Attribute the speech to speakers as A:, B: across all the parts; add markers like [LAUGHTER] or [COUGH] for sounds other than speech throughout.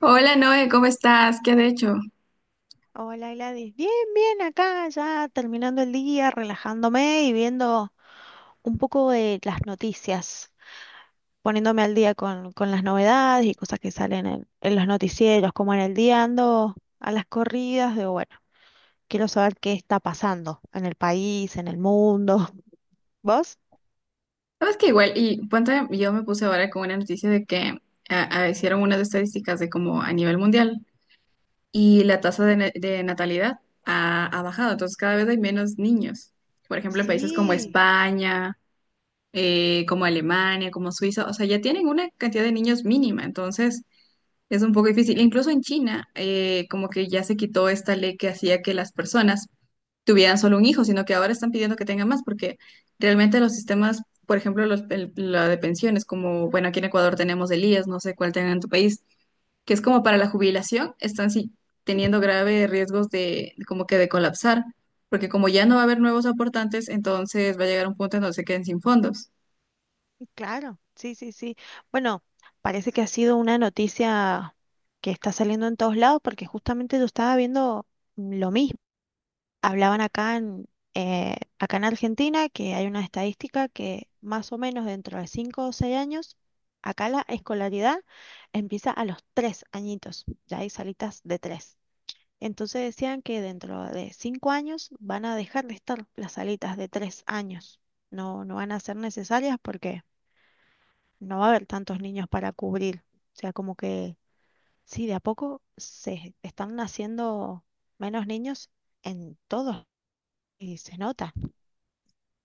A: Hola Noé, ¿cómo estás? ¿Qué has hecho?
B: Hola Gladys, bien, bien, acá ya terminando el día, relajándome y viendo un poco de las noticias, poniéndome al día con las novedades y cosas que salen en los noticieros, como en el día ando a las corridas, digo, bueno, quiero saber qué está pasando en el país, en el mundo. [LAUGHS] ¿Vos?
A: Sabes que igual, y ponte, yo me puse ahora con una noticia de que hicieron unas estadísticas de como a nivel mundial y la tasa de natalidad ha bajado, entonces cada vez hay menos niños. Por ejemplo, en países como
B: Sí,
A: España, como Alemania, como Suiza, o sea, ya tienen una cantidad de niños mínima, entonces es un poco difícil. Incluso en China, como que ya se quitó esta ley que hacía que las personas tuvieran solo un hijo, sino que ahora están pidiendo que tengan más, porque realmente los sistemas, por ejemplo, la de pensiones, como, bueno, aquí en Ecuador tenemos el IES, no sé cuál tengan en tu país, que es como para la jubilación, están sí, teniendo
B: ujú,
A: graves riesgos de, como que de colapsar, porque como ya no va a haber nuevos aportantes, entonces va a llegar un punto en donde se queden sin fondos.
B: claro, sí, sí, sí. Bueno, parece que ha sido una noticia que está saliendo en todos lados porque justamente yo estaba viendo lo mismo. Hablaban acá en Argentina que hay una estadística que más o menos dentro de 5 o 6 años, acá la escolaridad empieza a los 3 añitos, ya hay salitas de tres. Entonces decían que dentro de 5 años van a dejar de estar las salitas de 3 años, no, no van a ser necesarias porque no va a haber tantos niños para cubrir. O sea, como que sí, de a poco se están naciendo menos niños en todos y se nota.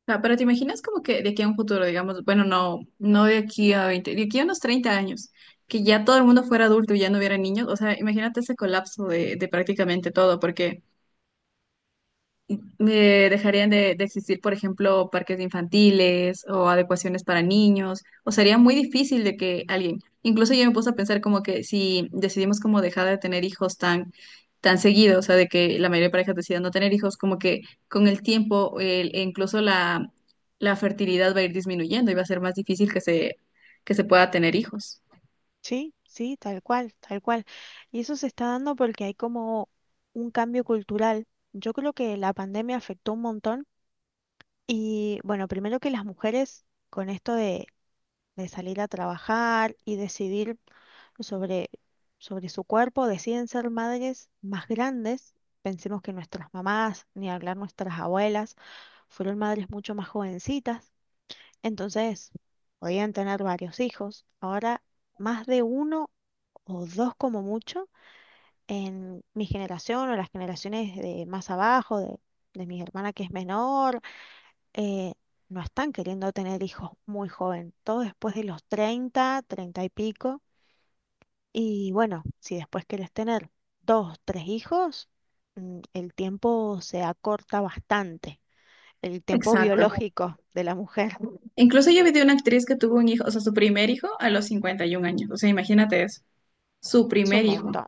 A: Sea, pero te imaginas como que de aquí a un futuro, digamos, bueno, no, no de aquí a 20, de aquí a unos 30 años, que ya todo el mundo fuera adulto y ya no hubiera niños, o sea, imagínate ese colapso de prácticamente todo, porque me dejarían de existir, por ejemplo, parques infantiles o adecuaciones para niños, o sería muy difícil de que alguien, incluso yo me puse a pensar como que si decidimos como dejar de tener hijos tan, tan seguido, o sea, de que la mayoría de parejas decidan no tener hijos, como que con el tiempo e incluso la fertilidad va a ir disminuyendo y va a ser más difícil que se pueda tener hijos.
B: Sí, sí, tal cual, tal cual. Y eso se está dando porque hay como un cambio cultural. Yo creo que la pandemia afectó un montón y bueno, primero que las mujeres con esto de salir a trabajar y decidir sobre, sobre su cuerpo, deciden ser madres más grandes. Pensemos que nuestras mamás, ni hablar nuestras abuelas, fueron madres mucho más jovencitas. Entonces, podían tener varios hijos. Ahora, más de uno o dos como mucho en mi generación o las generaciones de más abajo, de mi hermana que es menor, eh, no están queriendo tener hijos muy joven, todo después de los treinta y pico. Y bueno, si después quieres tener dos, tres hijos, el tiempo se acorta bastante, el tiempo
A: Exacto.
B: biológico de la mujer [LAUGHS]
A: Incluso yo vi de una actriz que tuvo un hijo, o sea, su primer hijo a los 51 años, o sea, imagínate eso, su
B: es un
A: primer hijo.
B: montón,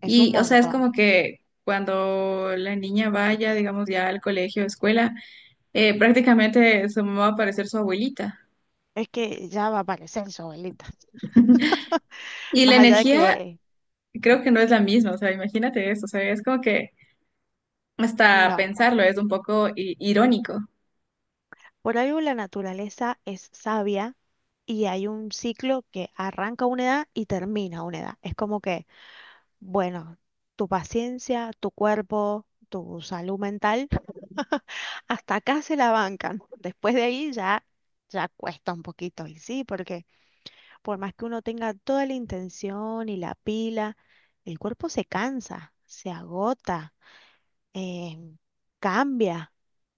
B: es un
A: Y, o sea, es
B: montón.
A: como que cuando la niña vaya, digamos, ya al colegio, escuela, prácticamente su mamá va a parecer su abuelita.
B: Es que ya va a aparecer su abuelita.
A: [LAUGHS]
B: [LAUGHS]
A: Y la
B: Más allá de
A: energía
B: que
A: creo que no es la misma, o sea, imagínate eso, o sea, es como que hasta
B: no.
A: pensarlo es un poco irónico.
B: Por algo la naturaleza es sabia y hay un ciclo que arranca a una edad y termina a una edad. Es como que, bueno, tu paciencia, tu cuerpo, tu salud mental, [LAUGHS] hasta acá se la bancan. Después de ahí ya cuesta un poquito. Y sí, porque por más que uno tenga toda la intención y la pila, el cuerpo se cansa, se agota, eh, cambia.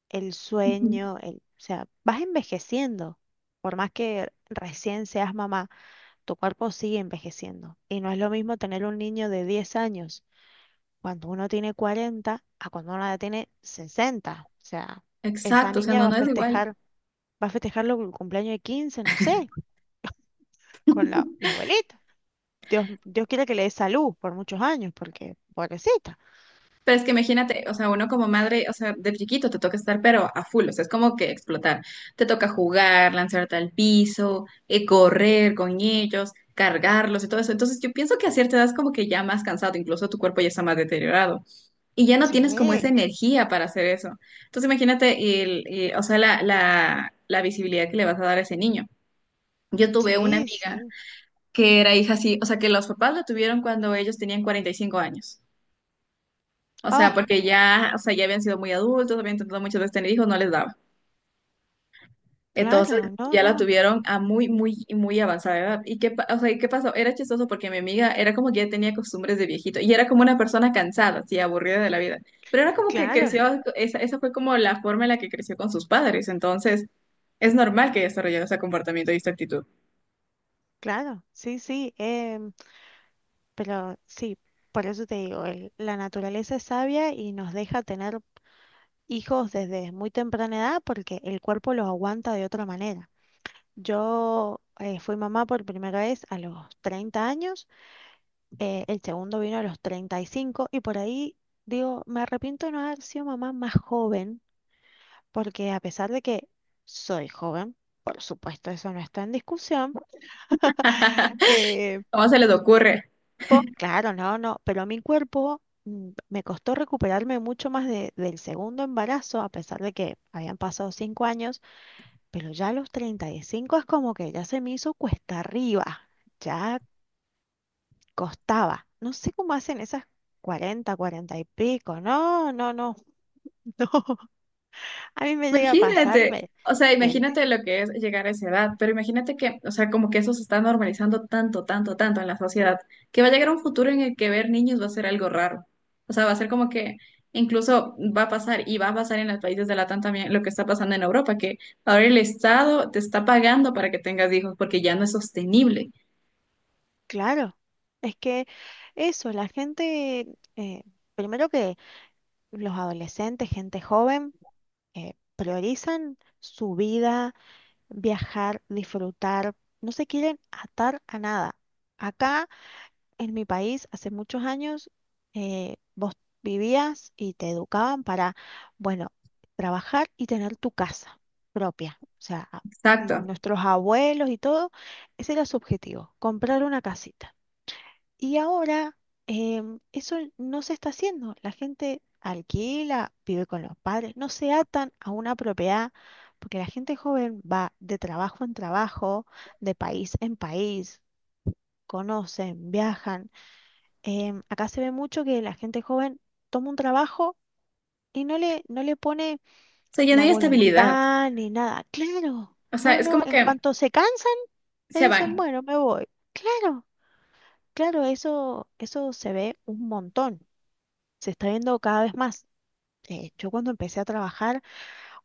B: El
A: Ujú.
B: sueño, o sea, vas envejeciendo. Por más que recién seas mamá, tu cuerpo sigue envejeciendo. Y no es lo mismo tener un niño de 10 años cuando uno tiene 40 a cuando uno ya tiene 60. O sea, esa
A: Exacto, o sea,
B: niña
A: no,
B: va a
A: no es igual.
B: festejar, va a festejar el cumpleaños de 15, no sé, con la abuelita. Dios, Dios quiere que le dé salud por muchos años, porque pobrecita.
A: Pero es que imagínate, o sea, uno como madre, o sea, de chiquito te toca estar, pero a full, o sea, es como que explotar. Te toca jugar, lanzarte al piso, correr con ellos, cargarlos y todo eso. Entonces, yo pienso que a cierta edad es como que ya más cansado, incluso tu cuerpo ya está más deteriorado y ya no tienes como esa
B: Sí,
A: energía para hacer eso. Entonces, imagínate, o sea, la visibilidad que le vas a dar a ese niño. Yo tuve una
B: sí,
A: amiga
B: sí.
A: que era hija así, o sea, que los papás la tuvieron cuando ellos tenían 45 años. O sea,
B: Oh,
A: porque ya, o sea, ya habían sido muy adultos, habían intentado muchas veces tener hijos, no les daba. Entonces
B: claro, no,
A: ya la
B: no,
A: tuvieron a muy, muy, muy avanzada edad. ¿Y qué, o sea, ¿y qué pasó? Era chistoso porque mi amiga era como que ya tenía costumbres de viejito y era como una persona cansada, así, aburrida de la vida. Pero era como que
B: claro.
A: creció, esa fue como la forma en la que creció con sus padres. Entonces es normal que desarrollara ese comportamiento y esta actitud.
B: Claro, sí, sí, pero sí, por eso te digo, la naturaleza es sabia y nos deja tener hijos desde muy temprana edad porque el cuerpo los aguanta de otra manera. Yo fui mamá por primera vez a los 30 años, el segundo vino a los 35 y por ahí digo, me arrepiento de no haber sido mamá más joven porque a pesar de que soy joven, por supuesto, eso no está en discusión.
A: [LAUGHS] ¿Cómo se les ocurre?
B: Claro, no, no, pero a mi cuerpo me costó recuperarme mucho más del segundo embarazo, a pesar de que habían pasado 5 años, pero ya a los 35 es como que ya se me hizo cuesta arriba, ya costaba. No sé cómo hacen esas 40, 40 y pico, no, no, no, [LAUGHS] no, a mí me llega a pasar,
A: Imagínate, o sea,
B: me-
A: imagínate lo que es llegar a esa edad, pero imagínate que, o sea, como que eso se está normalizando tanto, tanto, tanto en la sociedad, que va a llegar un futuro en el que ver niños va a ser algo raro. O sea, va a ser como que incluso va a pasar y va a pasar en los países de Latam también lo que está pasando en Europa, que ahora el Estado te está pagando para que tengas hijos porque ya no es sostenible.
B: claro, es que eso, la gente, eh, primero que los adolescentes, gente joven, priorizan su vida, viajar, disfrutar, no se quieren atar a nada. Acá en mi país, hace muchos años, vos vivías y te educaban para, bueno, trabajar y tener tu casa propia. O sea,
A: Exacto. O
B: nuestros abuelos y todo, ese era su objetivo, comprar una casita. Y ahora eso no se está haciendo. La gente alquila, vive con los padres, no se atan a una propiedad, porque la gente joven va de trabajo en trabajo, de país en país, conocen, viajan. Acá se ve mucho que la gente joven toma un trabajo y no le pone
A: sea, ya no
B: la
A: hay estabilidad.
B: voluntad ni nada. Claro,
A: O sea,
B: no,
A: es
B: no,
A: como
B: en
A: que
B: cuanto se cansan, te
A: se
B: dicen,
A: van.
B: bueno, me voy. Claro, claro, eso se ve un montón. Se está viendo cada vez más. Yo cuando empecé a trabajar,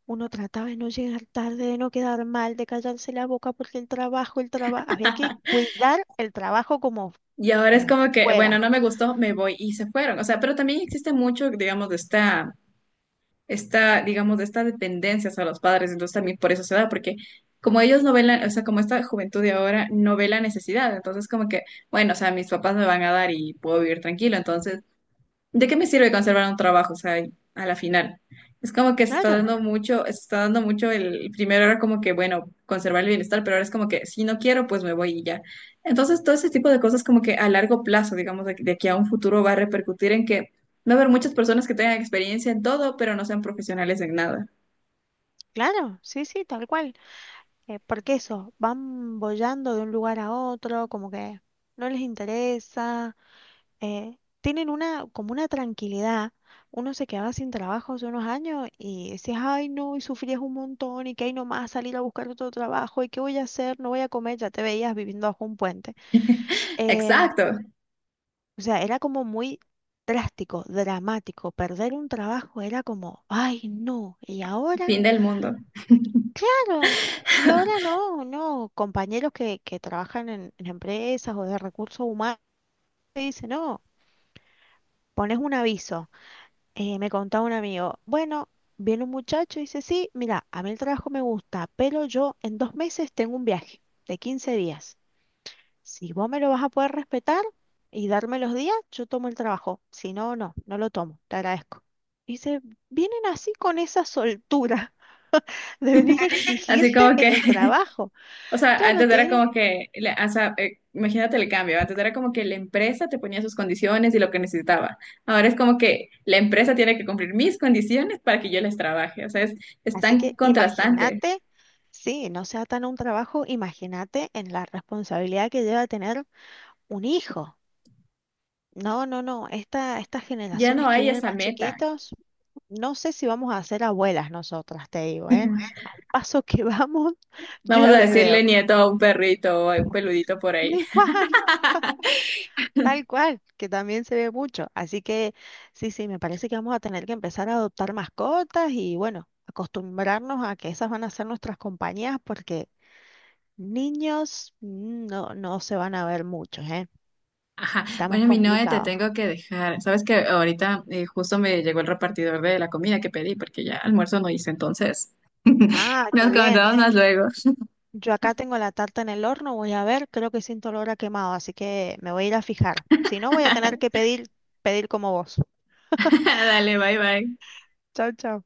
B: uno trataba de no llegar tarde, de no quedar mal, de callarse la boca porque el trabajo, había que
A: [LAUGHS]
B: cuidar el trabajo como,
A: Y ahora es
B: como
A: como que, bueno,
B: fuera.
A: no me gustó, me voy y se fueron. O sea, pero también existe mucho, digamos, esta, digamos, de esta dependencia hacia los padres. Entonces también por eso se da, porque como ellos no ven o sea, como esta juventud de ahora no ve la necesidad. Entonces como que, bueno, o sea, mis papás me van a dar y puedo vivir tranquilo. Entonces ¿de qué me sirve conservar un trabajo? O sea, y a la final. Es como que se está
B: Claro,
A: dando mucho, se está dando mucho el primero era como que, bueno, conservar el bienestar, pero ahora es como que si no quiero, pues me voy y ya. Entonces, todo ese tipo de cosas como que a largo plazo, digamos, de aquí a un futuro va a repercutir en que va a haber muchas personas que tengan experiencia en todo, pero no sean profesionales en nada.
B: claro, sí, sí, tal cual. Porque eso, van bollando de un lugar a otro, como que no les interesa. Tienen una, como una tranquilidad. Uno se quedaba sin trabajo hace unos años y decías, ay no, y sufrías un montón y que hay nomás salir a buscar otro trabajo y qué voy a hacer, no voy a comer, ya te veías viviendo bajo un puente.
A: [LAUGHS]
B: Em,
A: Exacto,
B: o sea, era como muy drástico, dramático. Perder un trabajo era como, ay no, y ahora,
A: fin del mundo.
B: claro. Y ahora no, no, compañeros que trabajan en empresas o de recursos humanos te dicen, no, pones un aviso. Me contaba un amigo, bueno, viene un muchacho y dice, sí, mira, a mí el trabajo me gusta, pero yo en 2 meses tengo un viaje de 15 días. Si vos me lo vas a poder respetar y darme los días, yo tomo el trabajo. Si no, no, no lo tomo, te agradezco. Dice, vienen así con esa soltura [LAUGHS] de venir a
A: Así
B: exigirte
A: como
B: en
A: que
B: el trabajo.
A: o sea,
B: Claro,
A: antes
B: te
A: era
B: vienen.
A: como que, o sea, imagínate el cambio, antes era como que la empresa te ponía sus condiciones y lo que necesitaba. Ahora es como que la empresa tiene que cumplir mis condiciones para que yo les trabaje. O sea, es
B: Así
A: tan
B: que
A: contrastante.
B: imagínate, sí, no sea tan un trabajo, imagínate en la responsabilidad que lleva tener un hijo. No, no, no. Estas
A: Ya no
B: generaciones que
A: hay
B: vienen
A: esa
B: más
A: meta.
B: chiquitos, no sé si vamos a ser abuelas nosotras, te digo, ¿eh? Al paso que vamos, [LAUGHS] yo
A: Vamos
B: ya
A: a
B: me veo.
A: decirle nieto a un perrito o a un peludito por ahí.
B: Tal cual, tal cual, que también se ve mucho. Así que sí, sí, me parece que vamos a tener que empezar a adoptar mascotas y bueno, acostumbrarnos a que esas van a ser nuestras compañías porque niños no, no se van a ver muchos, ¿eh?
A: Ajá.
B: Estamos
A: Bueno, mi Noe, te
B: complicados.
A: tengo que dejar. Sabes que ahorita justo me llegó el repartidor de la comida que pedí porque ya almuerzo no hice, entonces
B: Ah, qué
A: nos
B: bien.
A: comentamos más luego.
B: Yo acá tengo la tarta en el horno, voy a ver, creo que siento olor a quemado, así que me voy a ir a fijar. Si no, voy a tener que
A: [LAUGHS]
B: pedir como vos.
A: Dale, bye bye.
B: Chao, chao.